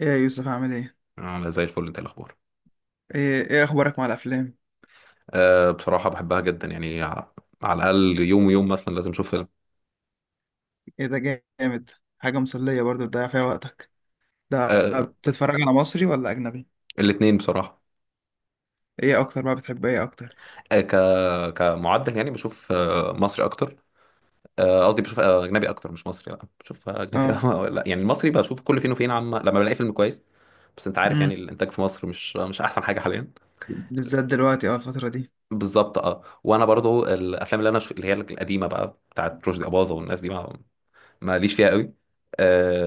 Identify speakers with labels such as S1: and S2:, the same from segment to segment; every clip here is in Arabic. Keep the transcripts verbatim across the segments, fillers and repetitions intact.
S1: ايه يا يوسف عامل ايه؟
S2: عاملة زي الفل. انت إيه الاخبار؟
S1: ايه ايه اخبارك مع الافلام؟
S2: أه، بصراحة بحبها جدا يعني ع- على الأقل يوم ويوم مثلا لازم أشوف فيلم.
S1: ايه ده جامد. حاجة مسلية برضه تضيع فيها وقتك. ده
S2: أه،
S1: بتتفرج على مصري ولا اجنبي؟
S2: الاتنين بصراحة.
S1: ايه اكتر بقى، بتحب ايه اكتر؟
S2: أه ك كمعدل يعني بشوف آه، مصري أكتر. آه، قصدي بشوف آه، أجنبي أكتر، مش مصري، لا بشوف آه، أجنبي
S1: اه.
S2: لا يعني المصري بشوف كل فين وفين، عما لما بلاقي فيلم كويس. بس أنت عارف يعني
S1: امم،
S2: الإنتاج في مصر مش مش أحسن حاجة حاليا.
S1: بالذات دلوقتي اه الفترة دي.
S2: بالظبط اه، وانا برضو الافلام اللي انا ش... اللي هي القديمه بقى بتاعت رشدي اباظه والناس دي ما ماليش فيها قوي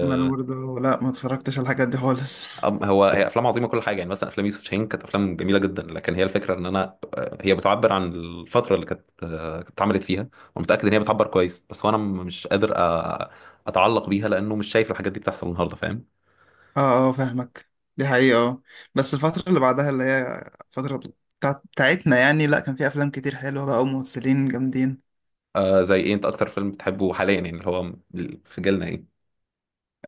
S1: ما انا برضه، لا، ما اتفرجتش على الحاجات دي خالص.
S2: أم- هو هي افلام عظيمه، كل حاجه. يعني مثلا افلام يوسف شاهين كانت افلام جميله جدا، لكن هي الفكره ان انا آه، هي بتعبر عن الفتره اللي كانت آه، كانت اتعملت فيها. ومتاكد ان هي بتعبر كويس، بس وانا م- مش قادر آه، اتعلق بيها، لانه مش شايف الحاجات دي بتحصل النهارده، فاهم.
S1: اه اه، فاهمك. دي حقيقة اه بس الفترة اللي بعدها، اللي هي الفترة بتاعت بتاعتنا يعني، لا كان في افلام كتير حلوة بقى، وممثلين جامدين.
S2: آه زي ايه؟ انت اكتر فيلم بتحبه حاليا، يعني اللي هو في جيلنا ايه؟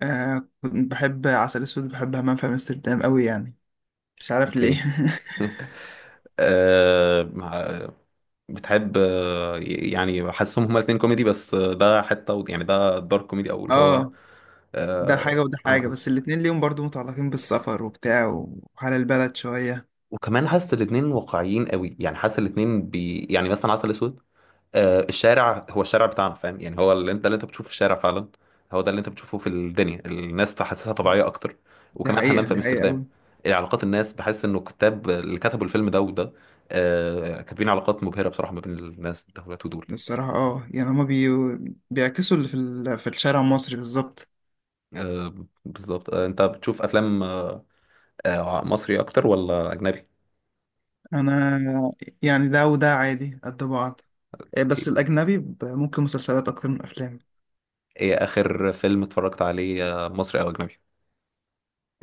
S1: آه، كنت بحب عسل اسود، بحب همام في امستردام قوي يعني، مش عارف
S2: اوكي.
S1: ليه.
S2: آه مع- بتحب آه، يعني حاسسهم هما الاثنين كوميدي، بس آه، ده حته و- يعني ده دارك كوميدي، او اللي هو
S1: اه، ده حاجة
S2: آه,
S1: وده حاجة،
S2: آه.
S1: بس الاتنين ليهم برضو متعلقين بالسفر وبتاع وحال البلد شوية.
S2: وكمان حاسس الاتنين واقعيين قوي، يعني حاسس الاتنين بي يعني مثلا عسل اسود. آه الشارع هو الشارع بتاعنا، فاهم يعني هو اللي انت اللي انت بتشوفه في الشارع فعلا. هو ده اللي انت بتشوفه في الدنيا، الناس تحسسها طبيعية اكتر.
S1: دي
S2: وكمان حمام
S1: حقيقة،
S2: في
S1: دي حقيقة
S2: امستردام.
S1: أوي.
S2: علاقات الناس، بحس انه الكتاب اللي كتبوا الفيلم ده وده آه كاتبين علاقات مبهرة بصراحة ما بين الناس دولت ودول.
S1: الصراحة اه يعني هما بي... بيعكسوا اللي في, ال... في الشارع المصري بالظبط.
S2: آه، بالظبط. آه انت بتشوف افلام آه آه، مصري اكتر ولا اجنبي؟
S1: أنا يعني، ده وده عادي قد بعض. آه، بس
S2: اوكي.
S1: الأجنبي، ب- ممكن مسلسلات أكتر من أفلام.
S2: ايه اخر فيلم اتفرجت عليه آه، مصري او اجنبي؟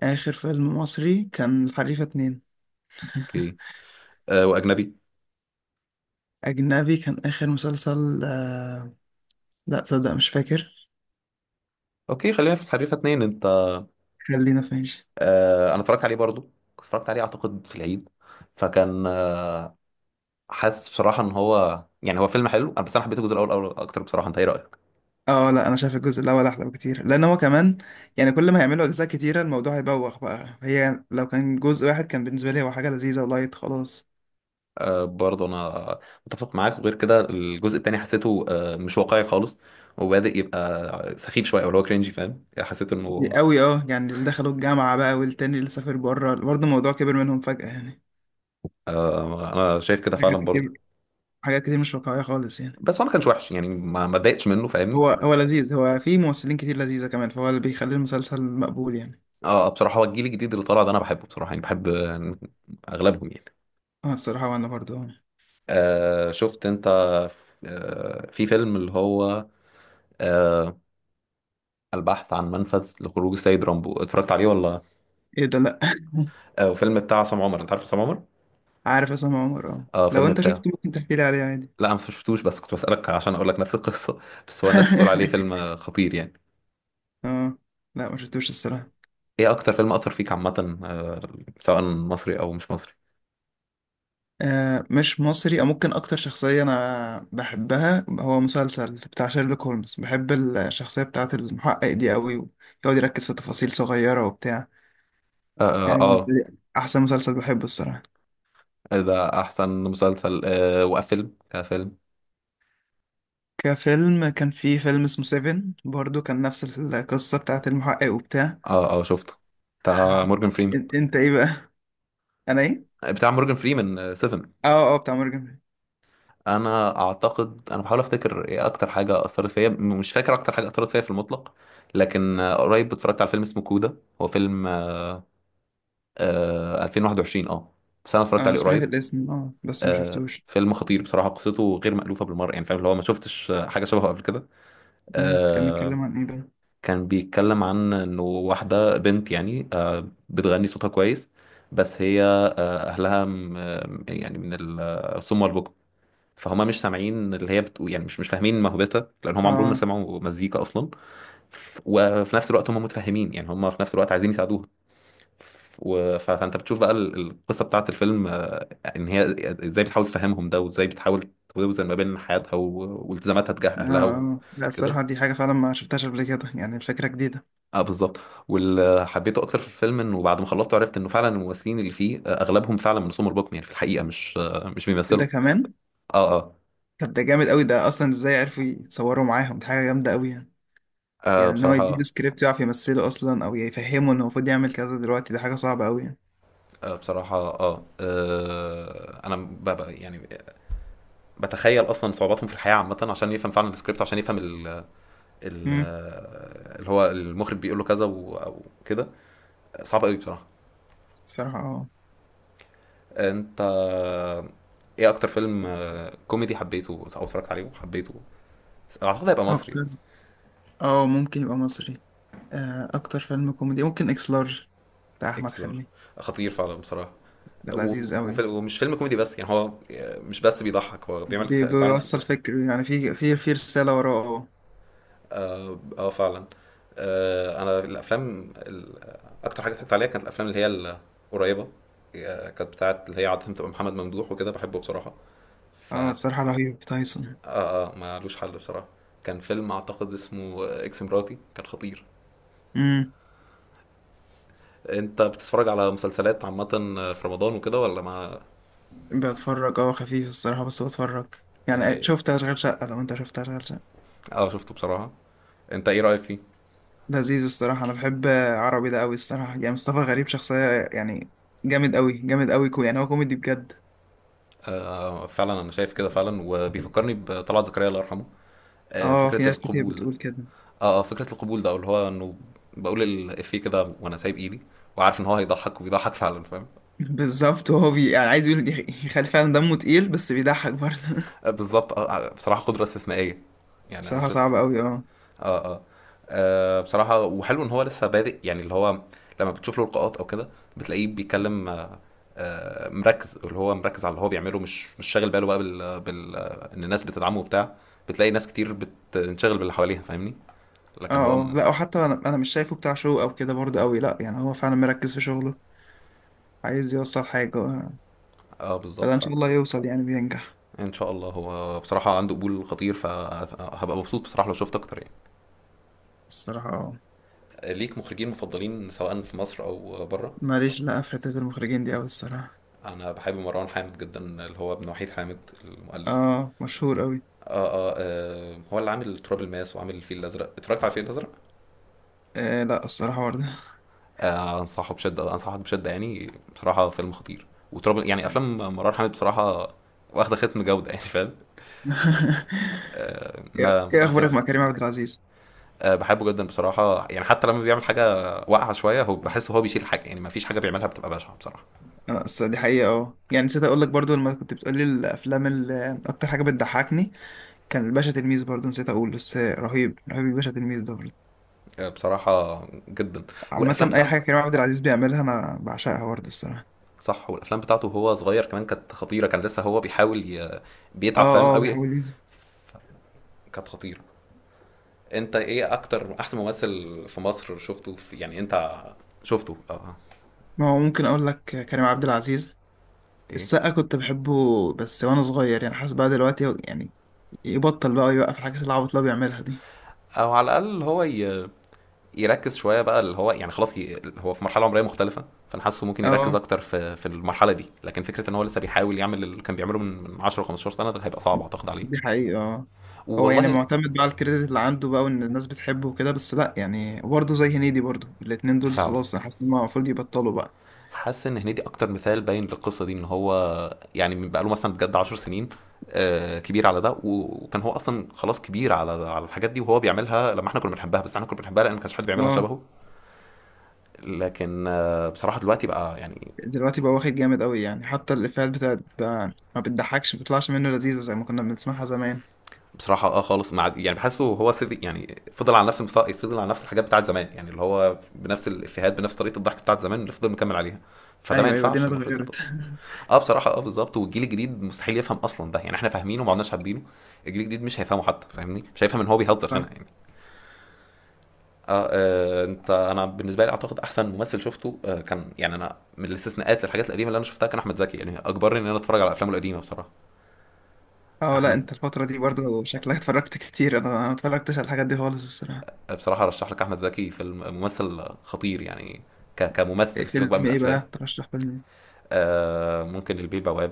S1: آخر فيلم مصري كان الحريفة اتنين.
S2: اوكي. آه واجنبي؟
S1: أجنبي كان آخر مسلسل آه... لا تصدق، مش فاكر.
S2: اوكي خلينا في الحريفه اتنين. انت
S1: خلينا فين؟
S2: آه انا اتفرجت عليه برضو، كنت اتفرجت عليه اعتقد في العيد. فكان آه، حاسس بصراحه ان هو يعني هو فيلم حلو، بس انا حبيت الجزء الاول اول اكتر بصراحه. انت ايه رايك؟
S1: اه، لا، انا شايف الجزء الاول احلى بكتير، لان هو كمان يعني كل ما هيعملوا اجزاء كتيره الموضوع هيبوخ بقى. هي لو كان جزء واحد كان بالنسبه لي هو حاجه لذيذه ولايت خلاص.
S2: آه، برضو انا متفق معاك. وغير كده الجزء التاني حسيته آه مش واقعي خالص، وبادئ يبقى سخيف شويه او اللي هو كرينجي، فاهم، حسيت
S1: دي
S2: انه
S1: قوي اه يعني اللي دخلوا الجامعه بقى، والتاني اللي سافر بره، برضه الموضوع كبر منهم فجاه يعني.
S2: آه، انا شايف كده فعلا
S1: حاجات
S2: برضو.
S1: كتير، حاجات كتير مش واقعيه خالص يعني.
S2: بس هو ما كانش وحش يعني، ما ما اتضايقتش منه، فاهمني.
S1: هو هو لذيذ، هو فيه ممثلين كتير لذيذه كمان، فهو اللي بيخلي المسلسل مقبول يعني.
S2: اه، آه، بصراحه هو الجيل الجديد اللي طالع ده انا بحبه بصراحه، يعني بحب آه، اغلبهم يعني.
S1: اه الصراحه، وانا برضه آه.
S2: آه شفت انت آه في فيلم اللي هو آه البحث عن منفذ لخروج السيد رامبو، اتفرجت عليه ولا؟
S1: ايه ده، لا.
S2: آه فيلم بتاع عصام عمر. انت عارف عصام عمر؟
S1: عارف اسامه عمر اه
S2: اه،
S1: لو
S2: فيلم
S1: انت
S2: بتاعه.
S1: شفته ممكن تحكي لي عليه عادي.
S2: لا انا ما شفتوش، بس كنت بسألك عشان اقول لك نفس القصة. بس هو الناس بتقول عليه فيلم آه، خطير يعني.
S1: اه، لا، ما شفتوش الصراحه.
S2: ايه اكتر فيلم اثر فيك عامة؟ آه سواء مصري او مش مصري.
S1: آه، مش مصري، او ممكن اكتر شخصية انا بحبها هو مسلسل بتاع شيرلوك هولمز. بحب الشخصية بتاعة المحقق دي قوي، ويقعد يركز في تفاصيل صغيرة وبتاع.
S2: اه،
S1: يعني بالنسبة
S2: اه,
S1: لي احسن مسلسل بحبه الصراحة.
S2: آه ده احسن مسلسل. آه وفيلم كفيلم؟
S1: كفيلم، كان في فيلم اسمه سيفن برضو، كان نفس القصة بتاعة المحقق وبتاع.
S2: اه، اه شفته بتاع مورجان فريمان.
S1: إن- انت ايه بقى؟ انا ايه؟
S2: بتاع مورجان فريمان سفن.
S1: اه اه، بتاع مورجان.
S2: انا اعتقد، انا بحاول افتكر ايه اكتر حاجه اثرت فيا. م- مش فاكر اكتر حاجه اثرت فيا في المطلق، لكن آه، قريب اتفرجت على فيلم اسمه كودا. هو فيلم آه ألفين وواحد وعشرين اه، بس انا اتفرجت
S1: انا
S2: عليه
S1: سمعت
S2: قريب.
S1: الاسم اه، بس ما
S2: آه
S1: شفتوش.
S2: فيلم خطير بصراحه، قصته غير مألوفه بالمره يعني، فاهم اللي هو ما شفتش آه، حاجه شبهه قبل كده
S1: امم كان
S2: آه
S1: بيتكلم عن ايه بقى؟
S2: كان بيتكلم عن انه واحده بنت يعني آه بتغني صوتها كويس. بس هي آه، اهلها م- آه، يعني من الصم والبكم. فهم مش سامعين اللي هي بتقول يعني، مش مش فاهمين موهبتها، لان هم عمرهم ما
S1: اه
S2: سمعوا مزيكا اصلا. وفي نفس الوقت هم متفهمين، يعني هم في نفس الوقت عايزين يساعدوها، و- ف- فانت بتشوف بقى ال- القصه بتاعت الفيلم آه، ان هي ازاي بتحاول تفهمهم ده، وازاي بتحاول توزن ما بين حياتها و- والتزاماتها تجاه
S1: اه
S2: اهلها
S1: اه، لا الصراحة
S2: وكده.
S1: دي حاجة فعلا ما شفتهاش قبل كده يعني، الفكرة جديدة.
S2: اه، بالظبط. واللي حبيته اكتر في الفيلم، انه بعد ما خلصت عرفت انه فعلا الممثلين اللي فيه آه، اغلبهم فعلا من سمر بوكم، يعني في الحقيقه مش آه، مش بيمثلوا.
S1: ده كمان؟
S2: اه، اه،
S1: طب ده جامد قوي، ده اصلا ازاي عرفوا يصوروا معاهم؟ دي حاجه جامده قوي يعني.
S2: آه،
S1: يعني ان هو يديله
S2: بصراحه.
S1: سكريبت يعرف يمثله اصلا، او يفهمه انه المفروض يعمل كذا دلوقتي، دي حاجه صعبه قوي يعني.
S2: آه، بصراحة اه، آه، انا ب- ب- يعني بتخيل اصلا صعوباتهم في الحياة عامة، عشان يفهم فعلا السكريبت، عشان يفهم ال ال
S1: امم
S2: اللي هو المخرج بيقول له كذا و- او كده. صعب قوي بصراحة.
S1: الصراحه اه
S2: انت ايه اكتر فيلم آه، كوميدي حبيته او اتفرجت عليه وحبيته؟ اعتقد هيبقى مصري.
S1: اكتر اه ممكن يبقى مصري. آه، اكتر فيلم كوميدي ممكن اكس لارج، بتاع احمد
S2: اكس لارج.
S1: حلمي.
S2: خطير فعلا بصراحة.
S1: ده
S2: و-
S1: لذيذ
S2: وفي-
S1: قوي.
S2: ومش فيلم كوميدي بس، يعني هو آه، مش بس بيضحك، هو بيعمل
S1: بي-
S2: ف- فعلا في كل
S1: بيوصل
S2: حاجة.
S1: فكر يعني، في في في رساله وراه.
S2: اه، آه، فعلا. آه، انا الافلام ال- اكتر حاجه اتفرجت عليها كانت الافلام اللي هي القريبه. آه، كانت بتاعه اللي هي عاده بتبقى محمد ممدوح وكده، بحبه بصراحه.
S1: اه
S2: ف
S1: اه
S2: اه
S1: الصراحه، رهيب تايسون.
S2: آه، مالوش حل بصراحه. كان فيلم اعتقد اسمه اكس مراتي، كان خطير.
S1: امم
S2: انت بتتفرج على مسلسلات عامه في رمضان وكده ولا ما؟
S1: بتفرج اه خفيف الصراحه بس بتفرج. يعني،
S2: اه،
S1: شفت اشغال شقه؟ لو انت شفت اشغال شقه.
S2: آه، شفته بصراحه. انت ايه رايك فيه؟
S1: لذيذ الصراحة، أنا بحب عربي ده أوي الصراحة، يعني مصطفى غريب شخصية يعني جامد أوي، جامد أوي. كو يعني، هو كوميدي بجد.
S2: آه، فعلا، انا شايف كده فعلا، وبيفكرني بطلعت زكريا الله يرحمه. آه،
S1: اه، في
S2: فكره
S1: ناس كتير
S2: القبول ده.
S1: بتقول كده.
S2: اه، اه، فكرة القبول ده اللي هو انه بقول الإفيه كده وانا سايب ايدي، وعارف ان هو هيضحك وبيضحك فعلا، فاهم.
S1: بالظبط. وهو بي يعني عايز يقول يخ- يخلي فعلا دمه تقيل بس بيضحك برضه.
S2: آه، بالظبط، اه، آه، بصراحة قدرة استثنائية. يعني انا
S1: صراحة
S2: بشوف.
S1: صعب أوي اه
S2: اه، اه، آه، بصراحة وحلو ان هو لسه بادئ، يعني اللي هو لما بتشوف له لقاءات او كده، بتلاقيه بيتكلم آه، آه، مركز، اللي هو مركز على اللي هو بيعمله، مش مش شاغل باله بقى بال, بال... آه، ان الناس بتدعمه وبتاع. بتلاقي ناس كتير بتنشغل باللي حواليها، فاهمني. لكن هو
S1: اه اه،
S2: م...
S1: لا، وحتى أنا أنا مش شايفه بتاع شو أو كده برضه أوي، لا يعني، هو فعلا مركز في شغله، عايز يوصل حاجة آه.
S2: اه،
S1: فده
S2: بالظبط
S1: إن شاء
S2: فعلا.
S1: الله يوصل يعني، بينجح.
S2: ان شاء الله. هو بصراحه عنده قبول خطير، فهبقى مبسوط بصراحه لو شفت اكتر يعني.
S1: الصراحة اه
S2: ليك مخرجين مفضلين سواء في مصر او بره؟
S1: ماليش، لا، في حتة المخرجين دي أوي الصراحة.
S2: انا بحب مروان حامد جدا، اللي هو ابن وحيد حامد، المؤلف.
S1: اه، مشهور أوي.
S2: آه، آه, آه هو اللي عامل تراب الماس وعامل الفيل الازرق. اتفرجت على الفيل الازرق؟
S1: آه لا، الصراحة برضه.
S2: آه انصحه بشده، انصحك بشده، يعني بصراحه فيلم خطير. وتراب يعني، افلام مروان حامد بصراحه واخده ختم جوده يعني، فاهم.
S1: ايه
S2: ما
S1: إيه
S2: ما
S1: اخبارك
S2: خايفش.
S1: مع كريم عبد العزيز؟
S2: آه، بحبه جدا بصراحه، يعني حتى لما بيعمل حاجه واقعه شويه هو بحس، هو بيشيل حاجه يعني، ما فيش حاجه بيعملها بتبقى بشعه بصراحه.
S1: انا أصل دي حقيقه اه يعني نسيت اقول لك برضو، لما كنت بتقولي الافلام اللي اكتر حاجه بتضحكني، كان الباشا تلميذ. برضو نسيت اقول بس، رهيب رهيب الباشا تلميذ ده برضو.
S2: آه، بصراحه جدا. والافلام
S1: عامه اي
S2: بتاعته.
S1: حاجه كريم عبد العزيز بيعملها انا بعشقها برضو الصراحه.
S2: صح، والافلام بتاعته وهو صغير كمان كانت خطيره. كان لسه هو بيحاول ي... بيتعب، فاهم
S1: اه اه،
S2: قوي.
S1: بيحاول يزي.
S2: كانت خطيره. انت ايه اكتر احسن ممثل في مصر شفته في... يعني انت شفته اه آه،
S1: ما هو ممكن اقول لك كريم عبد العزيز.
S2: اوكي.
S1: السقا كنت بحبه بس وانا صغير، يعني حاسس بقى دلوقتي يعني يبطل بقى، يوقف الحاجات العبط اللي هو بيعملها دي.
S2: او على الاقل هو ي... يركز شويه بقى، اللي هو يعني خلاص ي... هو في مرحله عمريه مختلفه، فانا حاسه ممكن يركز
S1: اه،
S2: اكتر في في المرحله دي. لكن فكره ان هو لسه بيحاول يعمل اللي كان بيعمله من من عشر خمستاشر سنه، ده هيبقى صعب اعتقد عليه.
S1: دي حقيقة اه هو يعني
S2: والله.
S1: معتمد بقى على الكريدت اللي عنده بقى، وان الناس بتحبه وكده، بس لا يعني برضه زي هنيدي برضه، الاتنين دول
S2: فعلا.
S1: خلاص انا حاسس ان هم المفروض يبطلوا بقى.
S2: حاسس ان هنيدي اكتر مثال باين للقصه دي، ان هو يعني بقى له مثلا بجد عشر سنين، آه، كبير على ده. وكان هو اصلا خلاص كبير على على الحاجات دي، وهو بيعملها لما احنا كنا بنحبها. بس احنا كنا بنحبها لان ما كانش حد بيعملها
S1: اه،
S2: شبهه. لكن آه، بصراحه دلوقتي بقى يعني،
S1: دلوقتي بقى واخد جامد قوي يعني، حتى الافيهات بتاعت بقى ما بتضحكش، ما بتطلعش منه لذيذة زي ما كنا بنسمعها زمان.
S2: بصراحه اه خالص. مع يعني بحسه هو سيفي يعني، فضل على نفس المستوى، فضل على نفس الحاجات بتاعت زمان، يعني اللي هو بنفس الافيهات، بنفس طريقه الضحك بتاعت زمان اللي فضل مكمل عليها. فده ما
S1: ايوه ايوه، دينا
S2: ينفعش، المفروض يتطبق.
S1: اتغيرت.
S2: اه بصراحه، اه بالظبط. والجيل الجديد مستحيل يفهم اصلا ده يعني، احنا فاهمينه وما عدناش حابينه. الجيل الجديد مش هيفهمه حتى، فاهمني، مش هيفهم ان هو بيهزر هنا
S1: صح.
S2: يعني. اه, آه انت انا بالنسبه لي اعتقد احسن ممثل شفته آه كان، يعني انا من الاستثناءات للحاجات القديمه اللي انا شفتها كان احمد زكي، يعني اجبرني ان انا اتفرج على افلامه القديمه بصراحه.
S1: اه لا،
S2: احمد
S1: انت الفترة دي برضه شكلك اتفرجت كتير، انا ما اتفرجتش على الحاجات دي خالص الصراحة.
S2: بصراحه ارشح لك احمد زكي، فيلم ممثل خطير يعني. ك-
S1: إيه
S2: كممثل، سيبك بقى من
S1: فيلم ايه
S2: الافلام.
S1: بقى؟ ترشح فيلم ايه؟
S2: آه، ممكن البيه البواب.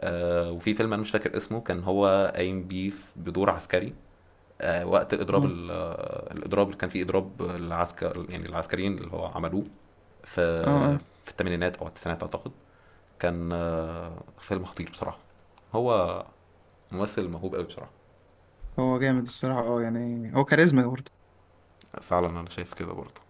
S2: آه، وفي فيلم انا مش فاكر اسمه، كان هو قايم بيه في- بدور عسكري. آه، وقت الاضراب
S1: اه
S2: ال- آه، الاضراب اللي كان فيه اضراب العسكر، يعني العسكريين اللي هو عملوه
S1: اه
S2: في
S1: آه.
S2: في الثمانينات او التسعينات اعتقد. كان آه، فيلم خطير بصراحه. هو ممثل موهوب قوي بصراحه.
S1: هو جامد الصراحة اه يعني هو كاريزما.
S2: فعلا انا شايف كده برضه.